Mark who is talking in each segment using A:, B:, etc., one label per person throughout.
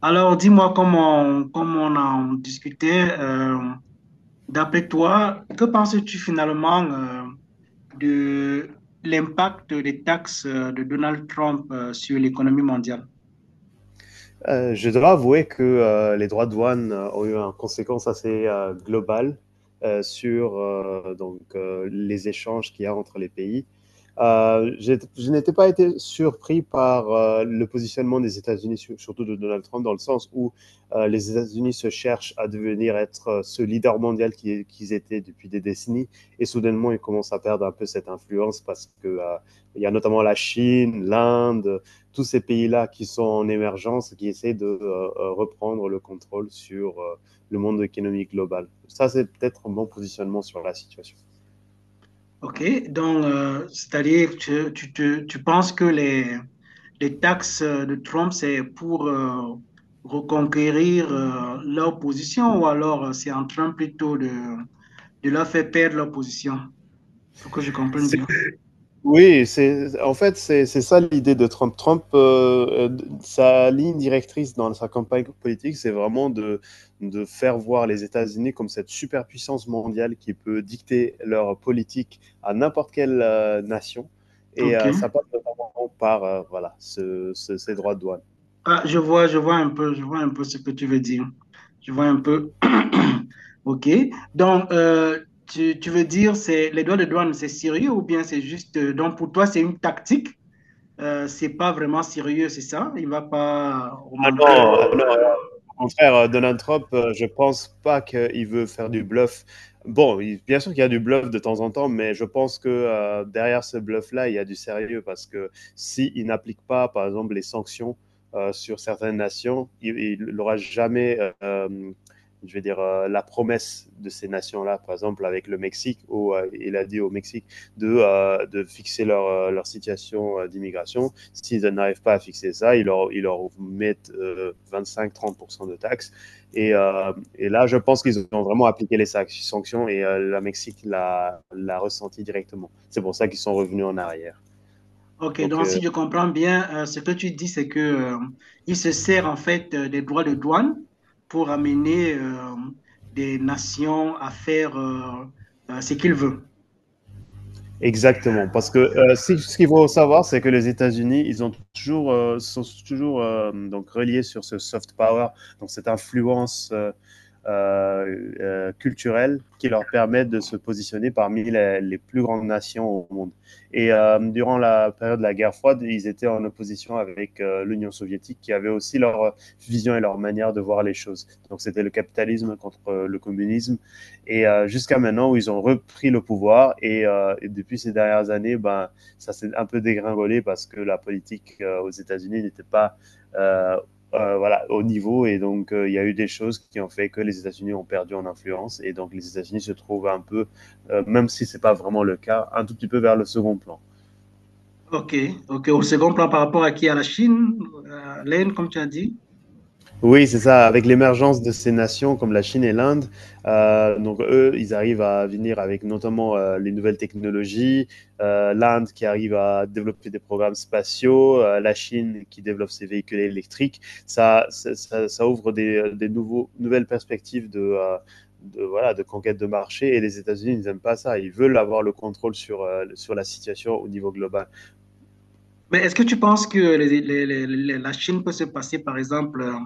A: Alors, dis-moi comment comme on en discutait, d'après toi, que penses-tu finalement de l'impact des taxes de Donald Trump sur l'économie mondiale?
B: Je dois avouer que les droits de douane ont eu une conséquence assez globale sur donc, les échanges qu'il y a entre les pays. Je n'étais pas été surpris par le positionnement des États-Unis, surtout de Donald Trump, dans le sens où les États-Unis se cherchent à devenir être ce leader mondial qu'ils étaient depuis des décennies, et soudainement ils commencent à perdre un peu cette influence parce que il y a notamment la Chine, l'Inde, tous ces pays-là qui sont en émergence, qui essaient de reprendre le contrôle sur le monde économique global. Ça, c'est peut-être un bon positionnement sur la situation.
A: OK, donc, c'est-à-dire que tu penses que les taxes de Trump, c'est pour reconquérir leur position ou alors c'est en train plutôt de leur faire perdre leur position, pour que je comprenne bien.
B: Oui, en fait, c'est ça l'idée de Trump. Trump, sa ligne directrice dans sa campagne politique, c'est vraiment de faire voir les États-Unis comme cette superpuissance mondiale qui peut dicter leur politique à n'importe quelle nation. Et
A: OK.
B: ça passe notamment par voilà, ces droits de douane.
A: Ah, je vois, je vois un peu ce que tu veux dire. Je vois un peu. OK. Donc, tu veux dire, c'est les droits de douane, c'est sérieux ou bien c'est juste. Donc, pour toi, c'est une tactique. C'est pas vraiment sérieux, c'est ça? Il va pas
B: Ah
A: augmenter.
B: non, ah non, au contraire, Donald Trump, je pense pas qu'il veut faire du bluff. Bon, bien sûr qu'il y a du bluff de temps en temps, mais je pense que derrière ce bluff-là, il y a du sérieux parce que s'il n'applique pas, par exemple, les sanctions sur certaines nations, il n'aura jamais, je vais dire, la promesse de ces nations-là, par exemple avec le Mexique, où il a dit au Mexique de fixer leur situation d'immigration. S'ils n'arrivent pas à fixer ça, ils leur mettent 25-30% de taxes. Et, là, je pense qu'ils ont vraiment appliqué les sanctions et la Mexique l'a ressenti directement. C'est pour ça qu'ils sont revenus en arrière.
A: OK.
B: Donc,
A: Donc,
B: euh,
A: si je comprends bien, ce que tu dis, c'est que il se sert en fait des droits de douane pour amener des nations à faire ce qu'il veut.
B: Exactement, parce que ce qu'il faut savoir, c'est que les États-Unis, sont toujours donc reliés sur ce soft power, donc cette influence culturelle qui leur permet de se positionner parmi les plus grandes nations au monde. Et durant la période de la guerre froide, ils étaient en opposition avec l'Union soviétique, qui avait aussi leur vision et leur manière de voir les choses. Donc c'était le capitalisme contre le communisme. Et jusqu'à maintenant, où ils ont repris le pouvoir. Et, depuis ces dernières années, ben, ça s'est un peu dégringolé parce que la politique aux États-Unis n'était pas euh, voilà, au niveau. Et donc, il y a eu des choses qui ont fait que les États-Unis ont perdu en influence. Et donc, les États-Unis se trouvent un peu, même si ce n'est pas vraiment le cas, un tout petit peu vers le second plan.
A: Ok, ok. Au second plan par rapport à qui? À la Chine, à l'Inde, comme tu as dit.
B: Oui, c'est ça. Avec l'émergence de ces nations comme la Chine et l'Inde, donc eux, ils arrivent à venir avec notamment les nouvelles technologies. L'Inde qui arrive à développer des programmes spatiaux, la Chine qui développe ses véhicules électriques. Ça ouvre des nouvelles perspectives de, voilà, de conquête de marché. Et les États-Unis, ils n'aiment pas ça. Ils veulent avoir le contrôle sur la situation au niveau global.
A: Mais est-ce que tu penses que la Chine peut se passer, par exemple,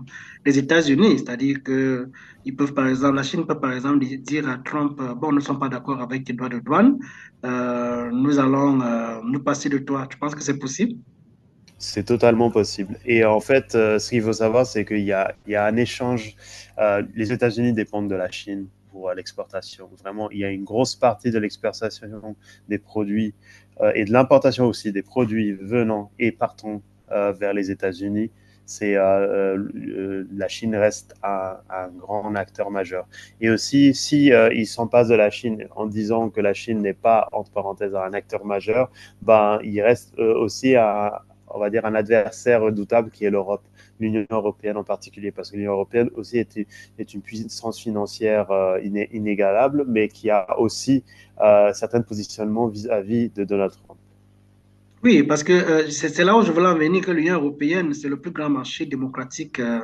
A: les États-Unis? C'est-à-dire que ils peuvent, par exemple, la Chine peut, par exemple, dire à Trump, bon, nous ne sommes pas d'accord avec tes droits de douane, nous allons nous passer de toi. Tu penses que c'est possible?
B: C'est totalement possible. Et en fait, ce qu'il faut savoir, c'est qu'il y a un échange. Les États-Unis dépendent de la Chine pour l'exportation. Vraiment, il y a une grosse partie de l'exportation des produits et de l'importation aussi des produits venant et partant vers les États-Unis. C'est La Chine reste un grand acteur majeur. Et aussi, si ils s'en passent de la Chine en disant que la Chine n'est pas entre parenthèses un acteur majeur, ben, il reste aussi un, on va dire, un adversaire redoutable qui est l'Europe, l'Union européenne en particulier, parce que l'Union européenne aussi est une puissance financière inégalable, mais qui a aussi certains positionnements vis-à-vis de Donald Trump.
A: Oui, parce que c'est là où je voulais en venir que l'Union européenne, c'est le plus grand marché démocratique euh,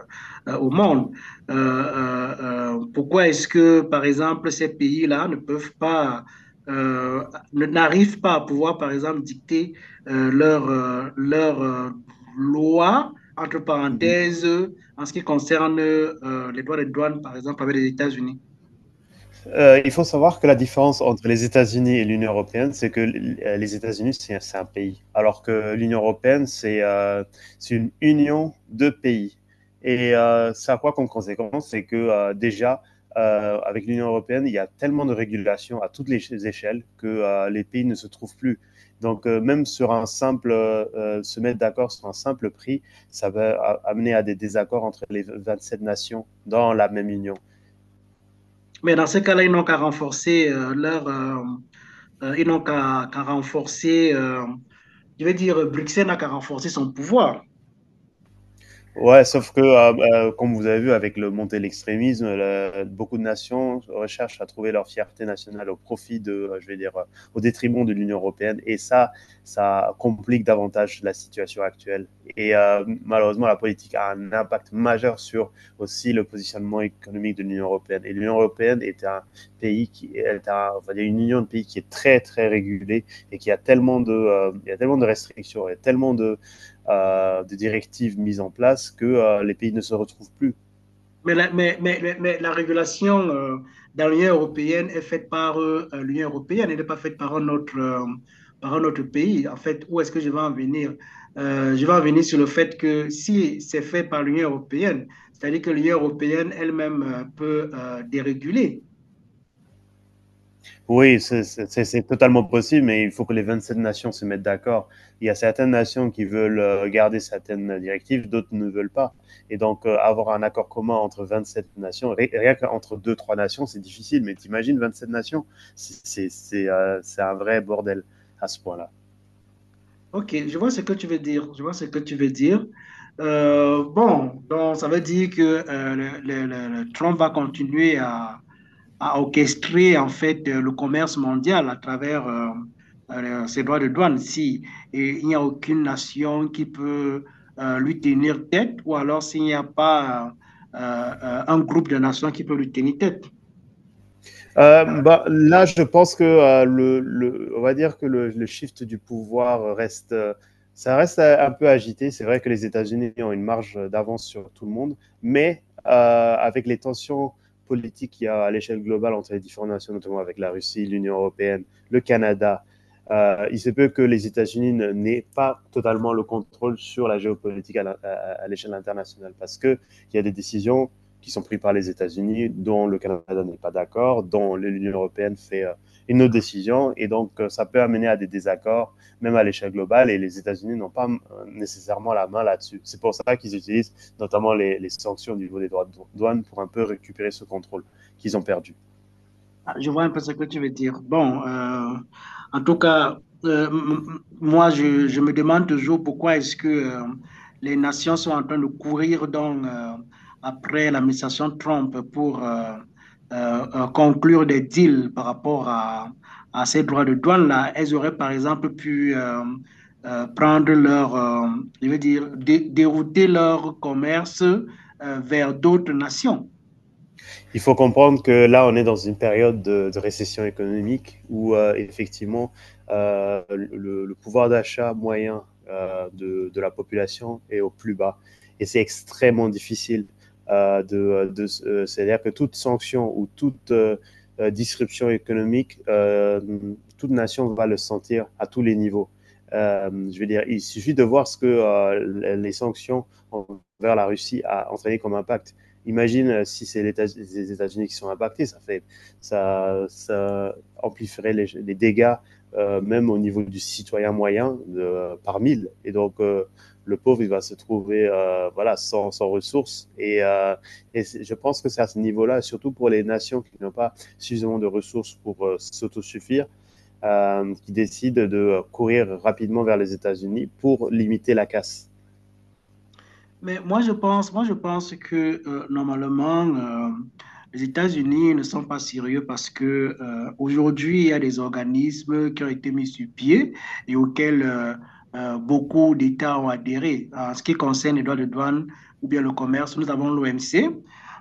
A: euh, au monde. Pourquoi est-ce que, par exemple, ces pays-là ne peuvent pas, euh, n'arrivent pas à pouvoir, par exemple, dicter leur, leur loi, entre parenthèses, en ce qui concerne les droits de douane, par exemple, avec les États-Unis?
B: Il faut savoir que la différence entre les États-Unis et l'Union européenne, c'est que les États-Unis, c'est un pays, alors que l'Union européenne, c'est une union de pays. Et ça a quoi comme conséquence? C'est que déjà, avec l'Union européenne, il y a tellement de régulations à toutes les échelles que les pays ne se trouvent plus. Donc, même se mettre d'accord sur un simple prix, ça va amener à des désaccords entre les 27 nations dans la même union.
A: Mais dans ce cas-là, ils n'ont qu'à renforcer ils n'ont qu'à renforcer. Je veux dire, Bruxelles n'a qu'à renforcer son pouvoir.
B: Ouais, sauf que, comme vous avez vu, avec le montée de l'extrémisme, beaucoup de nations recherchent à trouver leur fierté nationale au profit de, je vais dire, au détriment de l'Union européenne. Et ça complique davantage la situation actuelle. Et malheureusement, la politique a un impact majeur sur aussi le positionnement économique de l'Union européenne. Et l'Union européenne est un pays qui est un, on va dire une union de pays qui est très, très régulée et qui a tellement il y a tellement de restrictions, il y a tellement de des directives mises en place que les pays ne se retrouvent plus.
A: Mais la régulation dans l'Union européenne est faite par l'Union européenne, elle n'est pas faite par un autre pays. En fait, où est-ce que je vais en venir? Je vais en venir sur le fait que si c'est fait par l'Union européenne, c'est-à-dire que l'Union européenne elle-même peut déréguler.
B: Oui, c'est totalement possible, mais il faut que les 27 nations se mettent d'accord. Il y a certaines nations qui veulent garder certaines directives, d'autres ne veulent pas. Et donc, avoir un accord commun entre 27 nations, rien qu'entre deux trois nations, c'est difficile, mais t'imagines 27 nations, c'est un vrai bordel à ce point-là.
A: Ok, je vois ce que tu veux dire. Je vois ce que tu veux dire. Bon, donc ça veut dire que euh, le Trump va continuer à, a orchestré en fait le commerce mondial à travers ses droits de douane. Si et il n'y a aucune nation qui peut lui tenir tête, ou alors s'il n'y a pas un groupe de nations qui peut lui tenir tête.
B: Bah, là, je pense que on va dire que le shift du pouvoir ça reste un peu agité. C'est vrai que les États-Unis ont une marge d'avance sur tout le monde, mais avec les tensions politiques qu'il y a à l'échelle globale entre les différentes nations, notamment avec la Russie, l'Union européenne, le Canada, il se peut que les États-Unis n'aient pas totalement le contrôle sur la géopolitique à l'échelle internationale parce que il y a des décisions qui sont pris par les États-Unis, dont le Canada n'est pas d'accord, dont l'Union européenne fait une autre décision. Et donc, ça peut amener à des désaccords, même à l'échelle globale. Et les États-Unis n'ont pas nécessairement la main là-dessus. C'est pour ça qu'ils utilisent notamment les sanctions au niveau des droits de douane pour un peu récupérer ce contrôle qu'ils ont perdu.
A: Ah, je vois un peu ce que tu veux dire. Bon, en tout cas, euh, m- moi, je me demande toujours pourquoi est-ce que les nations sont en train de courir donc, après l'administration Trump pour conclure des deals par rapport à ces droits de douane-là. Elles auraient, par exemple, pu prendre je veux dire, dérouter leur commerce vers d'autres nations.
B: Il faut comprendre que là, on est dans une période de récession économique où effectivement pouvoir d'achat moyen la population est au plus bas. Et c'est extrêmement difficile. De C'est-à-dire que toute sanction ou toute disruption économique, toute nation va le sentir à tous les niveaux. Je veux dire, il suffit de voir ce que les sanctions envers la Russie a entraîné comme impact. Imagine si c'est États les États-Unis qui sont impactés, ça amplifierait les dégâts même au niveau du citoyen moyen de, par mille. Et donc le pauvre il va se trouver voilà sans ressources. Et, je pense que c'est à ce niveau-là, surtout pour les nations qui n'ont pas suffisamment de ressources pour s'autosuffire, qui décident de courir rapidement vers les États-Unis pour limiter la casse.
A: Moi, je pense que normalement, les États-Unis ne sont pas sérieux parce que aujourd'hui, il y a des organismes qui ont été mis sur pied et auxquels beaucoup d'États ont adhéré. En ce qui concerne les droits de douane ou bien le commerce, nous avons l'OMC.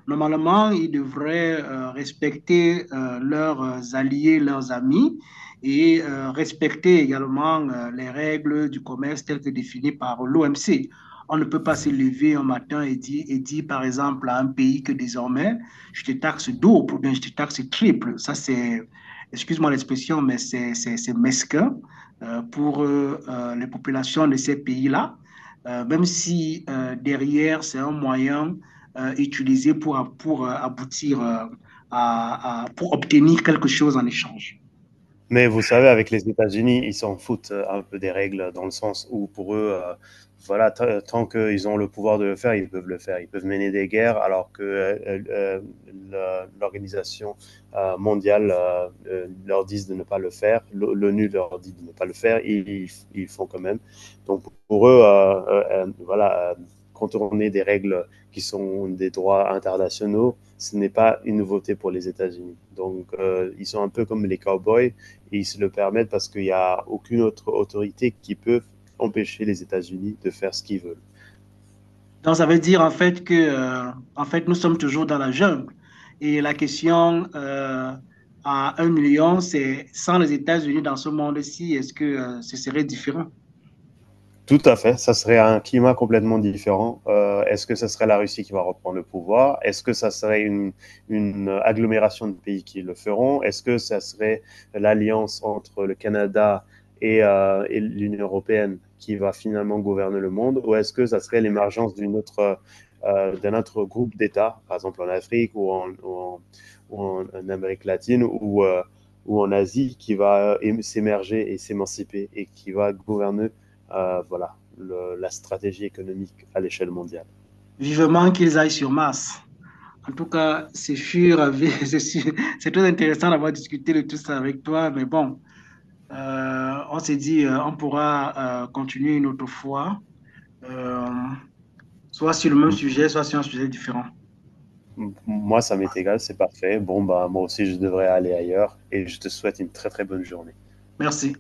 A: Normalement, ils devraient respecter leurs alliés, leurs amis et respecter également les règles du commerce telles que définies par l'OMC. On ne peut pas se lever un matin et dire, par exemple, à un pays que désormais, je te taxe double ou bien je te taxe triple. Excuse-moi l'expression, mais c'est mesquin pour les populations de ces pays-là, même si derrière, c'est un moyen utilisé pour, aboutir à, pour obtenir quelque chose en échange.
B: Mais vous savez, avec les États-Unis, ils s'en foutent un peu des règles, dans le sens où pour eux, voilà, tant qu'ils ont le pouvoir de le faire, ils peuvent le faire. Ils peuvent mener des guerres, alors que l'organisation mondiale leur dit de ne pas le faire, l'ONU leur dit de ne pas le faire, ils font quand même. Donc pour eux, voilà, contourner des règles qui sont des droits internationaux, ce n'est pas une nouveauté pour les États-Unis. Donc ils sont un peu comme les cowboys et ils se le permettent parce qu'il n'y a aucune autre autorité qui peut empêcher les États-Unis de faire ce qu'ils veulent.
A: Donc, ça veut dire en fait que, en fait, nous sommes toujours dans la jungle. Et la question à un million, c'est sans les États-Unis dans ce monde-ci, est-ce que ce serait différent?
B: Tout à fait, ça serait un climat complètement différent. Est-ce que ça serait la Russie qui va reprendre le pouvoir? Est-ce que ça serait une agglomération de pays qui le feront? Est-ce que ça serait l'alliance entre le Canada et l'Union européenne qui va finalement gouverner le monde? Ou est-ce que ça serait l'émergence d'un autre groupe d'États, par exemple en Afrique ou en, Amérique latine ou en Asie qui va s'émerger et s'émanciper et qui va gouverner voilà, la stratégie économique à l'échelle mondiale.
A: Vivement qu'ils aillent sur Mars. En tout cas, c'est sûr, c'est sûr- c'est très intéressant d'avoir discuté de tout ça avec toi, mais bon, on s'est dit, on pourra continuer une autre fois, euh, soit sur le même sujet, soit sur un sujet différent.
B: Moi, ça m'est égal, c'est parfait. Bon, bah, moi aussi, je devrais aller ailleurs et je te souhaite une très très bonne journée.
A: Merci.